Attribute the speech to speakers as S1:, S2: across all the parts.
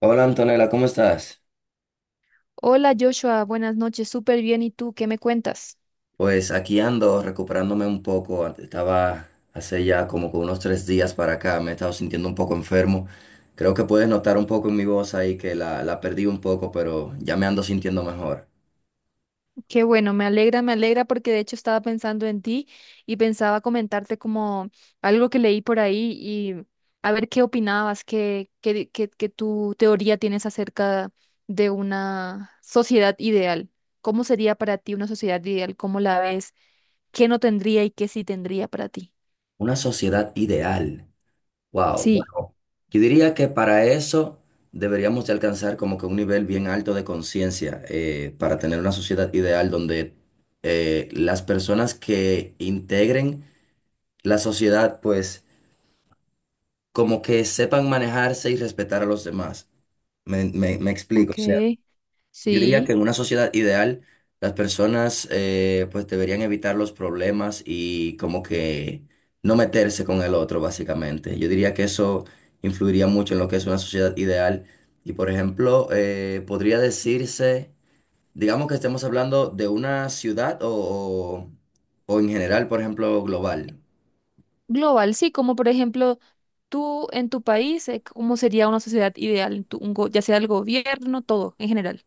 S1: Hola Antonella, ¿cómo estás?
S2: Hola Joshua, buenas noches, súper bien. ¿Y tú qué me cuentas?
S1: Pues aquí ando recuperándome un poco. Estaba hace ya como que unos 3 días para acá, me he estado sintiendo un poco enfermo. Creo que puedes notar un poco en mi voz ahí que la perdí un poco, pero ya me ando sintiendo mejor.
S2: Qué bueno, me alegra porque de hecho estaba pensando en ti y pensaba comentarte como algo que leí por ahí y a ver qué opinabas, qué tu teoría tienes acerca de una sociedad ideal. ¿Cómo sería para ti una sociedad ideal? ¿Cómo la ves? ¿Qué no tendría y qué sí tendría para ti?
S1: Una sociedad ideal. Wow.
S2: Sí,
S1: Bueno, yo diría que para eso deberíamos de alcanzar como que un nivel bien alto de conciencia para tener una sociedad ideal donde las personas que integren la sociedad, pues como que sepan manejarse y respetar a los demás. Me explico.
S2: ok,
S1: O sea, yo diría que
S2: sí.
S1: en una sociedad ideal, las personas pues deberían evitar los problemas y como que no meterse con el otro, básicamente. Yo diría que eso influiría mucho en lo que es una sociedad ideal. Y por ejemplo, podría decirse, digamos que estemos hablando de una ciudad o o en general, por ejemplo, global.
S2: Global, sí, como por ejemplo... Tú, en tu país, ¿cómo sería una sociedad ideal? En tu- un go- Ya sea el gobierno, todo, en general.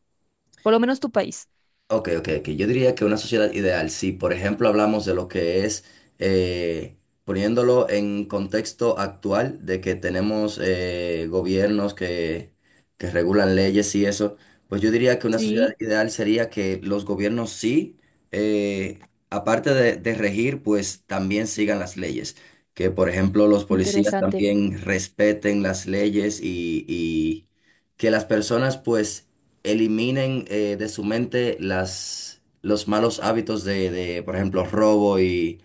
S2: Por lo menos tu país.
S1: Ok, ok, ok. Yo diría que una sociedad ideal, si por ejemplo hablamos de lo que es, eh, poniéndolo en contexto actual, de que tenemos gobiernos que regulan leyes y eso, pues yo diría que una sociedad
S2: Sí,
S1: ideal sería que los gobiernos sí, eh, aparte de regir, pues también sigan las leyes. Que por ejemplo los policías
S2: interesante.
S1: también respeten las leyes y que las personas pues eliminen de su mente los malos hábitos por ejemplo, robo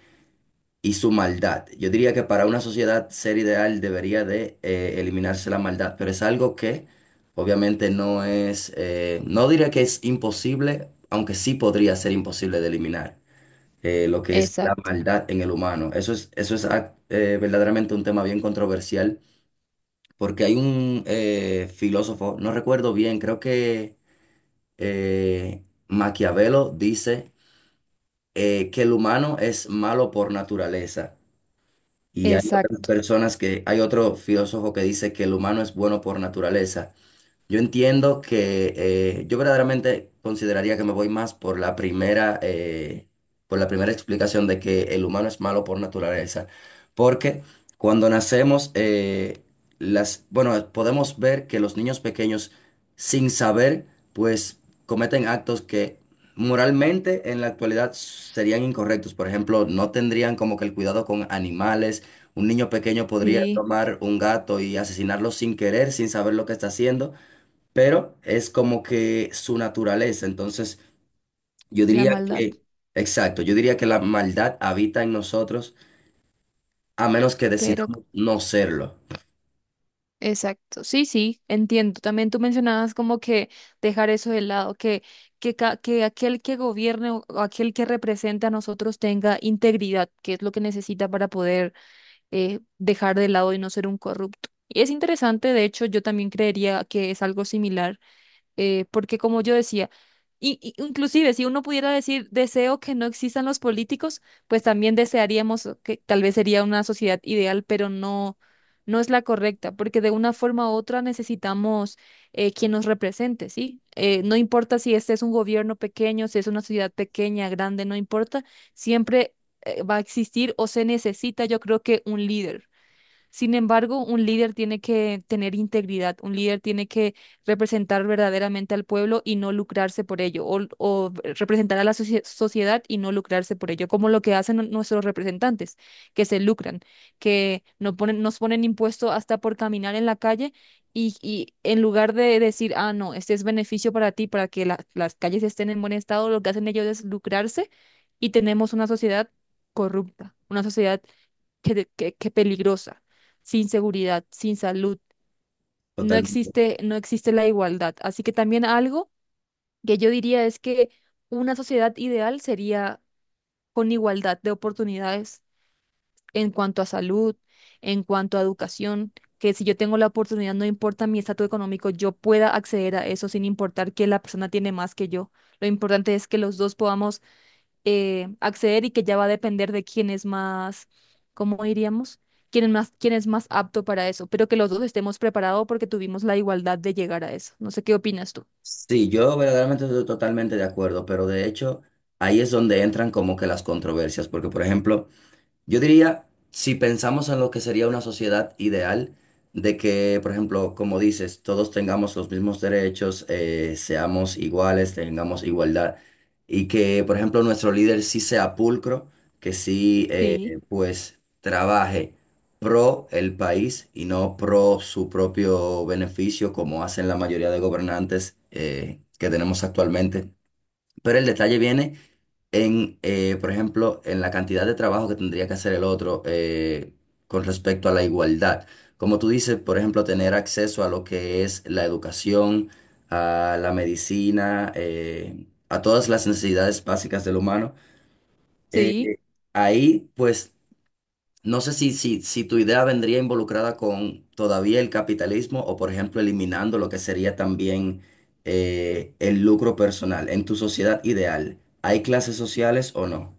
S1: y su maldad. Yo diría que para una sociedad ser ideal debería de eliminarse la maldad, pero es algo que obviamente no es, no diría que es imposible, aunque sí podría ser imposible de eliminar. Lo que es la
S2: Exacto,
S1: maldad en el humano. Eso es verdaderamente un tema bien controversial, porque hay un filósofo, no recuerdo bien, creo que Maquiavelo dice que el humano es malo por naturaleza. Y hay otras
S2: exacto.
S1: personas que, hay otro filósofo que dice que el humano es bueno por naturaleza. Yo entiendo que yo verdaderamente consideraría que me voy más por la primera explicación de que el humano es malo por naturaleza, porque cuando nacemos, bueno, podemos ver que los niños pequeños, sin saber, pues cometen actos que moralmente en la actualidad serían incorrectos. Por ejemplo, no tendrían como que el cuidado con animales. Un niño pequeño podría
S2: Sí,
S1: tomar un gato y asesinarlo sin querer, sin saber lo que está haciendo, pero es como que su naturaleza. Entonces, yo
S2: la
S1: diría
S2: maldad.
S1: que, exacto, yo diría que la maldad habita en nosotros a menos que
S2: Pero,
S1: decidamos no serlo.
S2: exacto. Sí, sí, entiendo. También tú mencionabas como que dejar eso de lado, que aquel que gobierne o aquel que represente a nosotros tenga integridad, que es lo que necesita para poder dejar de lado y no ser un corrupto. Y es interesante, de hecho, yo también creería que es algo similar, porque como yo decía, y inclusive si uno pudiera decir deseo que no existan los políticos, pues también desearíamos que tal vez sería una sociedad ideal, pero no, no es la correcta, porque de una forma u otra necesitamos, quien nos represente, ¿sí? No importa si este es un gobierno pequeño, si es una ciudad pequeña, grande, no importa, siempre va a existir o se necesita, yo creo que un líder. Sin embargo, un líder tiene que tener integridad, un líder tiene que representar verdaderamente al pueblo y no lucrarse por ello, o representar a la sociedad y no lucrarse por ello, como lo que hacen nuestros representantes, que se lucran, que no ponen, nos ponen impuesto hasta por caminar en la calle y en lugar de decir, ah, no, este es beneficio para ti, para que las calles estén en buen estado, lo que hacen ellos es lucrarse y tenemos una sociedad corrupta, una sociedad que peligrosa, sin seguridad, sin salud. No
S1: Totalmente.
S2: existe, no existe la igualdad. Así que también algo que yo diría es que una sociedad ideal sería con igualdad de oportunidades en cuanto a salud, en cuanto a educación, que si yo tengo la oportunidad, no importa mi estatus económico, yo pueda acceder a eso sin importar que la persona tiene más que yo. Lo importante es que los dos podamos acceder y que ya va a depender de quién es más, ¿cómo diríamos? Quién es más apto para eso, pero que los dos estemos preparados porque tuvimos la igualdad de llegar a eso. No sé qué opinas tú.
S1: Sí, yo verdaderamente estoy totalmente de acuerdo, pero de hecho ahí es donde entran como que las controversias, porque por ejemplo, yo diría, si pensamos en lo que sería una sociedad ideal, de que, por ejemplo, como dices, todos tengamos los mismos derechos, seamos iguales, tengamos igualdad, y que, por ejemplo, nuestro líder sí sea pulcro, que sí,
S2: Sí,
S1: pues, trabaje pro el país y no pro su propio beneficio, como hacen la mayoría de gobernantes, que tenemos actualmente. Pero el detalle viene en, por ejemplo, en la cantidad de trabajo que tendría que hacer el otro con respecto a la igualdad. Como tú dices, por ejemplo, tener acceso a lo que es la educación, a la medicina, a todas las necesidades básicas del humano. Eh,
S2: sí.
S1: Ahí, pues, no sé si tu idea vendría involucrada con todavía el capitalismo o, por ejemplo, eliminando lo que sería también el lucro personal en tu sociedad ideal. ¿Hay clases sociales o no?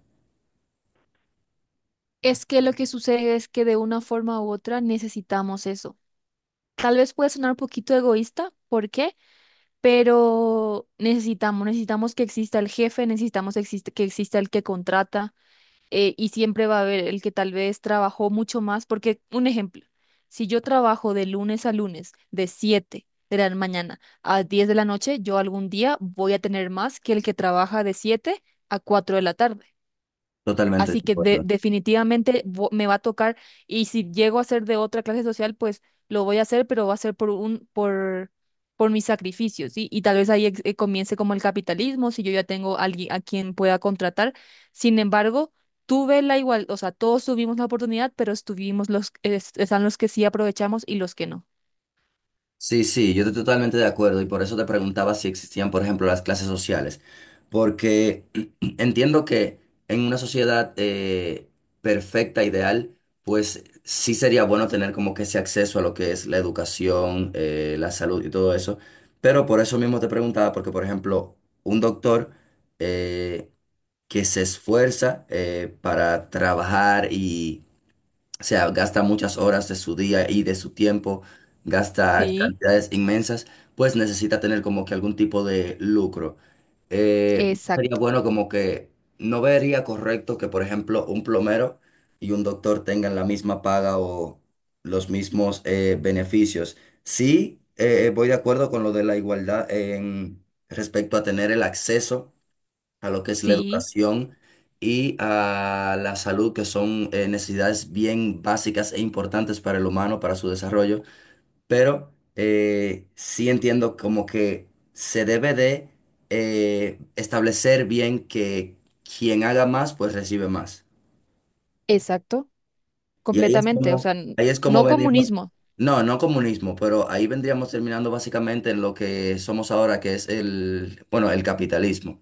S2: Es que lo que sucede es que de una forma u otra necesitamos eso. Tal vez puede sonar un poquito egoísta, ¿por qué? Pero necesitamos, necesitamos que exista el jefe, necesitamos que exista el que contrata. Y siempre va a haber el que tal vez trabajó mucho más, porque un ejemplo, si yo trabajo de lunes a lunes, de 7 de la mañana a 10 de la noche, yo algún día voy a tener más que el que trabaja de 7 a 4 de la tarde.
S1: Totalmente
S2: Así
S1: de
S2: que
S1: acuerdo.
S2: definitivamente me va a tocar, y si llego a ser de otra clase social, pues lo voy a hacer, pero va a ser por un por mis sacrificios, ¿sí? Y tal vez ahí comience como el capitalismo, si yo ya tengo alguien a quien pueda contratar. Sin embargo, tuve la igual, o sea, todos tuvimos la oportunidad, pero estuvimos están los que sí aprovechamos y los que no.
S1: Sí, sí, yo estoy totalmente de acuerdo y por eso te preguntaba si existían, por ejemplo, las clases sociales, porque entiendo que en una sociedad perfecta, ideal, pues sí sería bueno tener como que ese acceso a lo que es la educación, la salud y todo eso, pero por eso mismo te preguntaba, porque por ejemplo, un doctor eh, que se esfuerza para trabajar y... O sea, gasta muchas horas de su día y de su tiempo, gasta
S2: Sí,
S1: cantidades inmensas, pues necesita tener como que algún tipo de lucro. Sería
S2: exacto.
S1: bueno como que no vería correcto que, por ejemplo, un plomero y un doctor tengan la misma paga o los mismos beneficios. Sí, voy de acuerdo con lo de la igualdad en respecto a tener el acceso a lo que es la
S2: Sí,
S1: educación y a la salud, que son necesidades bien básicas e importantes para el humano, para su desarrollo. Pero sí entiendo como que se debe de establecer bien que quien haga más, pues recibe más.
S2: exacto,
S1: Y
S2: completamente, o sea,
S1: ahí es como
S2: no
S1: venimos.
S2: comunismo.
S1: No, no comunismo, pero ahí vendríamos terminando básicamente en lo que somos ahora, que es el, bueno, el capitalismo,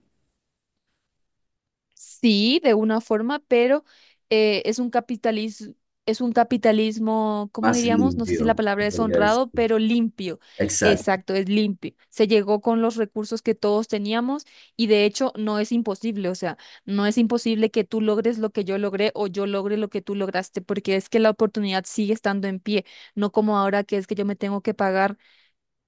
S2: Sí, de una forma, pero eh, es un capitalismo, es un capitalismo, ¿cómo
S1: más
S2: diríamos? No sé si la
S1: limpio, se
S2: palabra es
S1: podría decir.
S2: honrado, pero limpio.
S1: Exacto.
S2: Exacto, es limpio. Se llegó con los recursos que todos teníamos y de hecho no es imposible, o sea, no es imposible que tú logres lo que yo logré o yo logre lo que tú lograste, porque es que la oportunidad sigue estando en pie, no como ahora que es que yo me tengo que pagar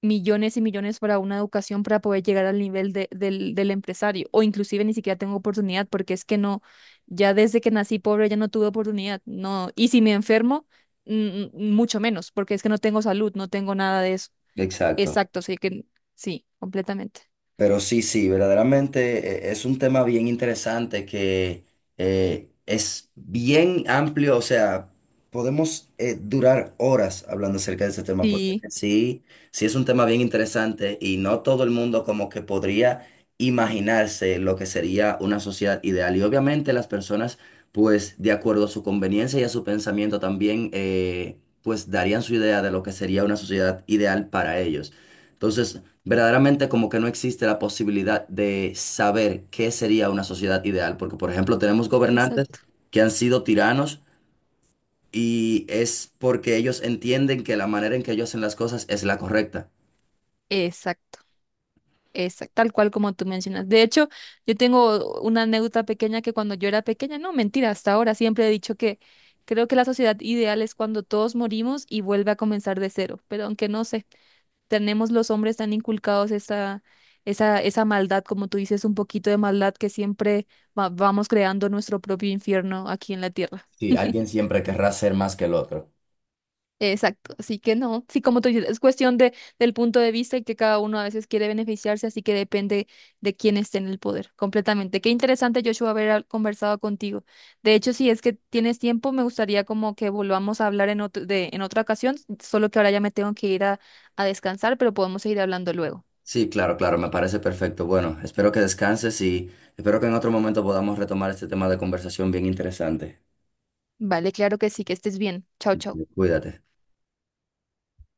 S2: millones y millones para una educación para poder llegar al nivel del empresario o inclusive ni siquiera tengo oportunidad porque es que no, ya desde que nací pobre ya no tuve oportunidad, no, y si me enfermo, mm, mucho menos porque es que no tengo salud, no tengo nada de eso.
S1: Exacto.
S2: Exacto, sí que sí, completamente.
S1: Pero sí, sí, verdaderamente es un tema bien interesante que es bien amplio, o sea, podemos durar horas hablando acerca de este tema, porque
S2: Sí,
S1: sí, sí es un tema bien interesante y no todo el mundo como que podría imaginarse lo que sería una sociedad ideal. Y obviamente las personas, pues, de acuerdo a su conveniencia y a su pensamiento también, pues, darían su idea de lo que sería una sociedad ideal para ellos. Entonces, verdaderamente como que no existe la posibilidad de saber qué sería una sociedad ideal, porque por ejemplo tenemos gobernantes
S2: exacto.
S1: que han sido tiranos y es porque ellos entienden que la manera en que ellos hacen las cosas es la correcta.
S2: Exacto. Tal cual como tú mencionas. De hecho, yo tengo una anécdota pequeña que cuando yo era pequeña, no, mentira, hasta ahora siempre he dicho que creo que la sociedad ideal es cuando todos morimos y vuelve a comenzar de cero. Pero aunque no sé, tenemos los hombres tan inculcados esa maldad, como tú dices, un poquito de maldad que siempre vamos creando nuestro propio infierno aquí en la tierra.
S1: Sí, alguien siempre querrá ser más que el otro.
S2: Exacto, así que no, sí, como tú dices, es cuestión de, del punto de vista y que cada uno a veces quiere beneficiarse, así que depende de quién esté en el poder, completamente. Qué interesante, Joshua, haber conversado contigo. De hecho, si es que tienes tiempo, me gustaría como que volvamos a hablar en otra ocasión, solo que ahora ya me tengo que ir a descansar, pero podemos seguir hablando luego.
S1: Sí, claro, claro, me parece perfecto. Bueno, espero que descanses y espero que en otro momento podamos retomar este tema de conversación bien interesante.
S2: Vale, claro que sí, que estés bien. Chao, chao.
S1: Cuídate.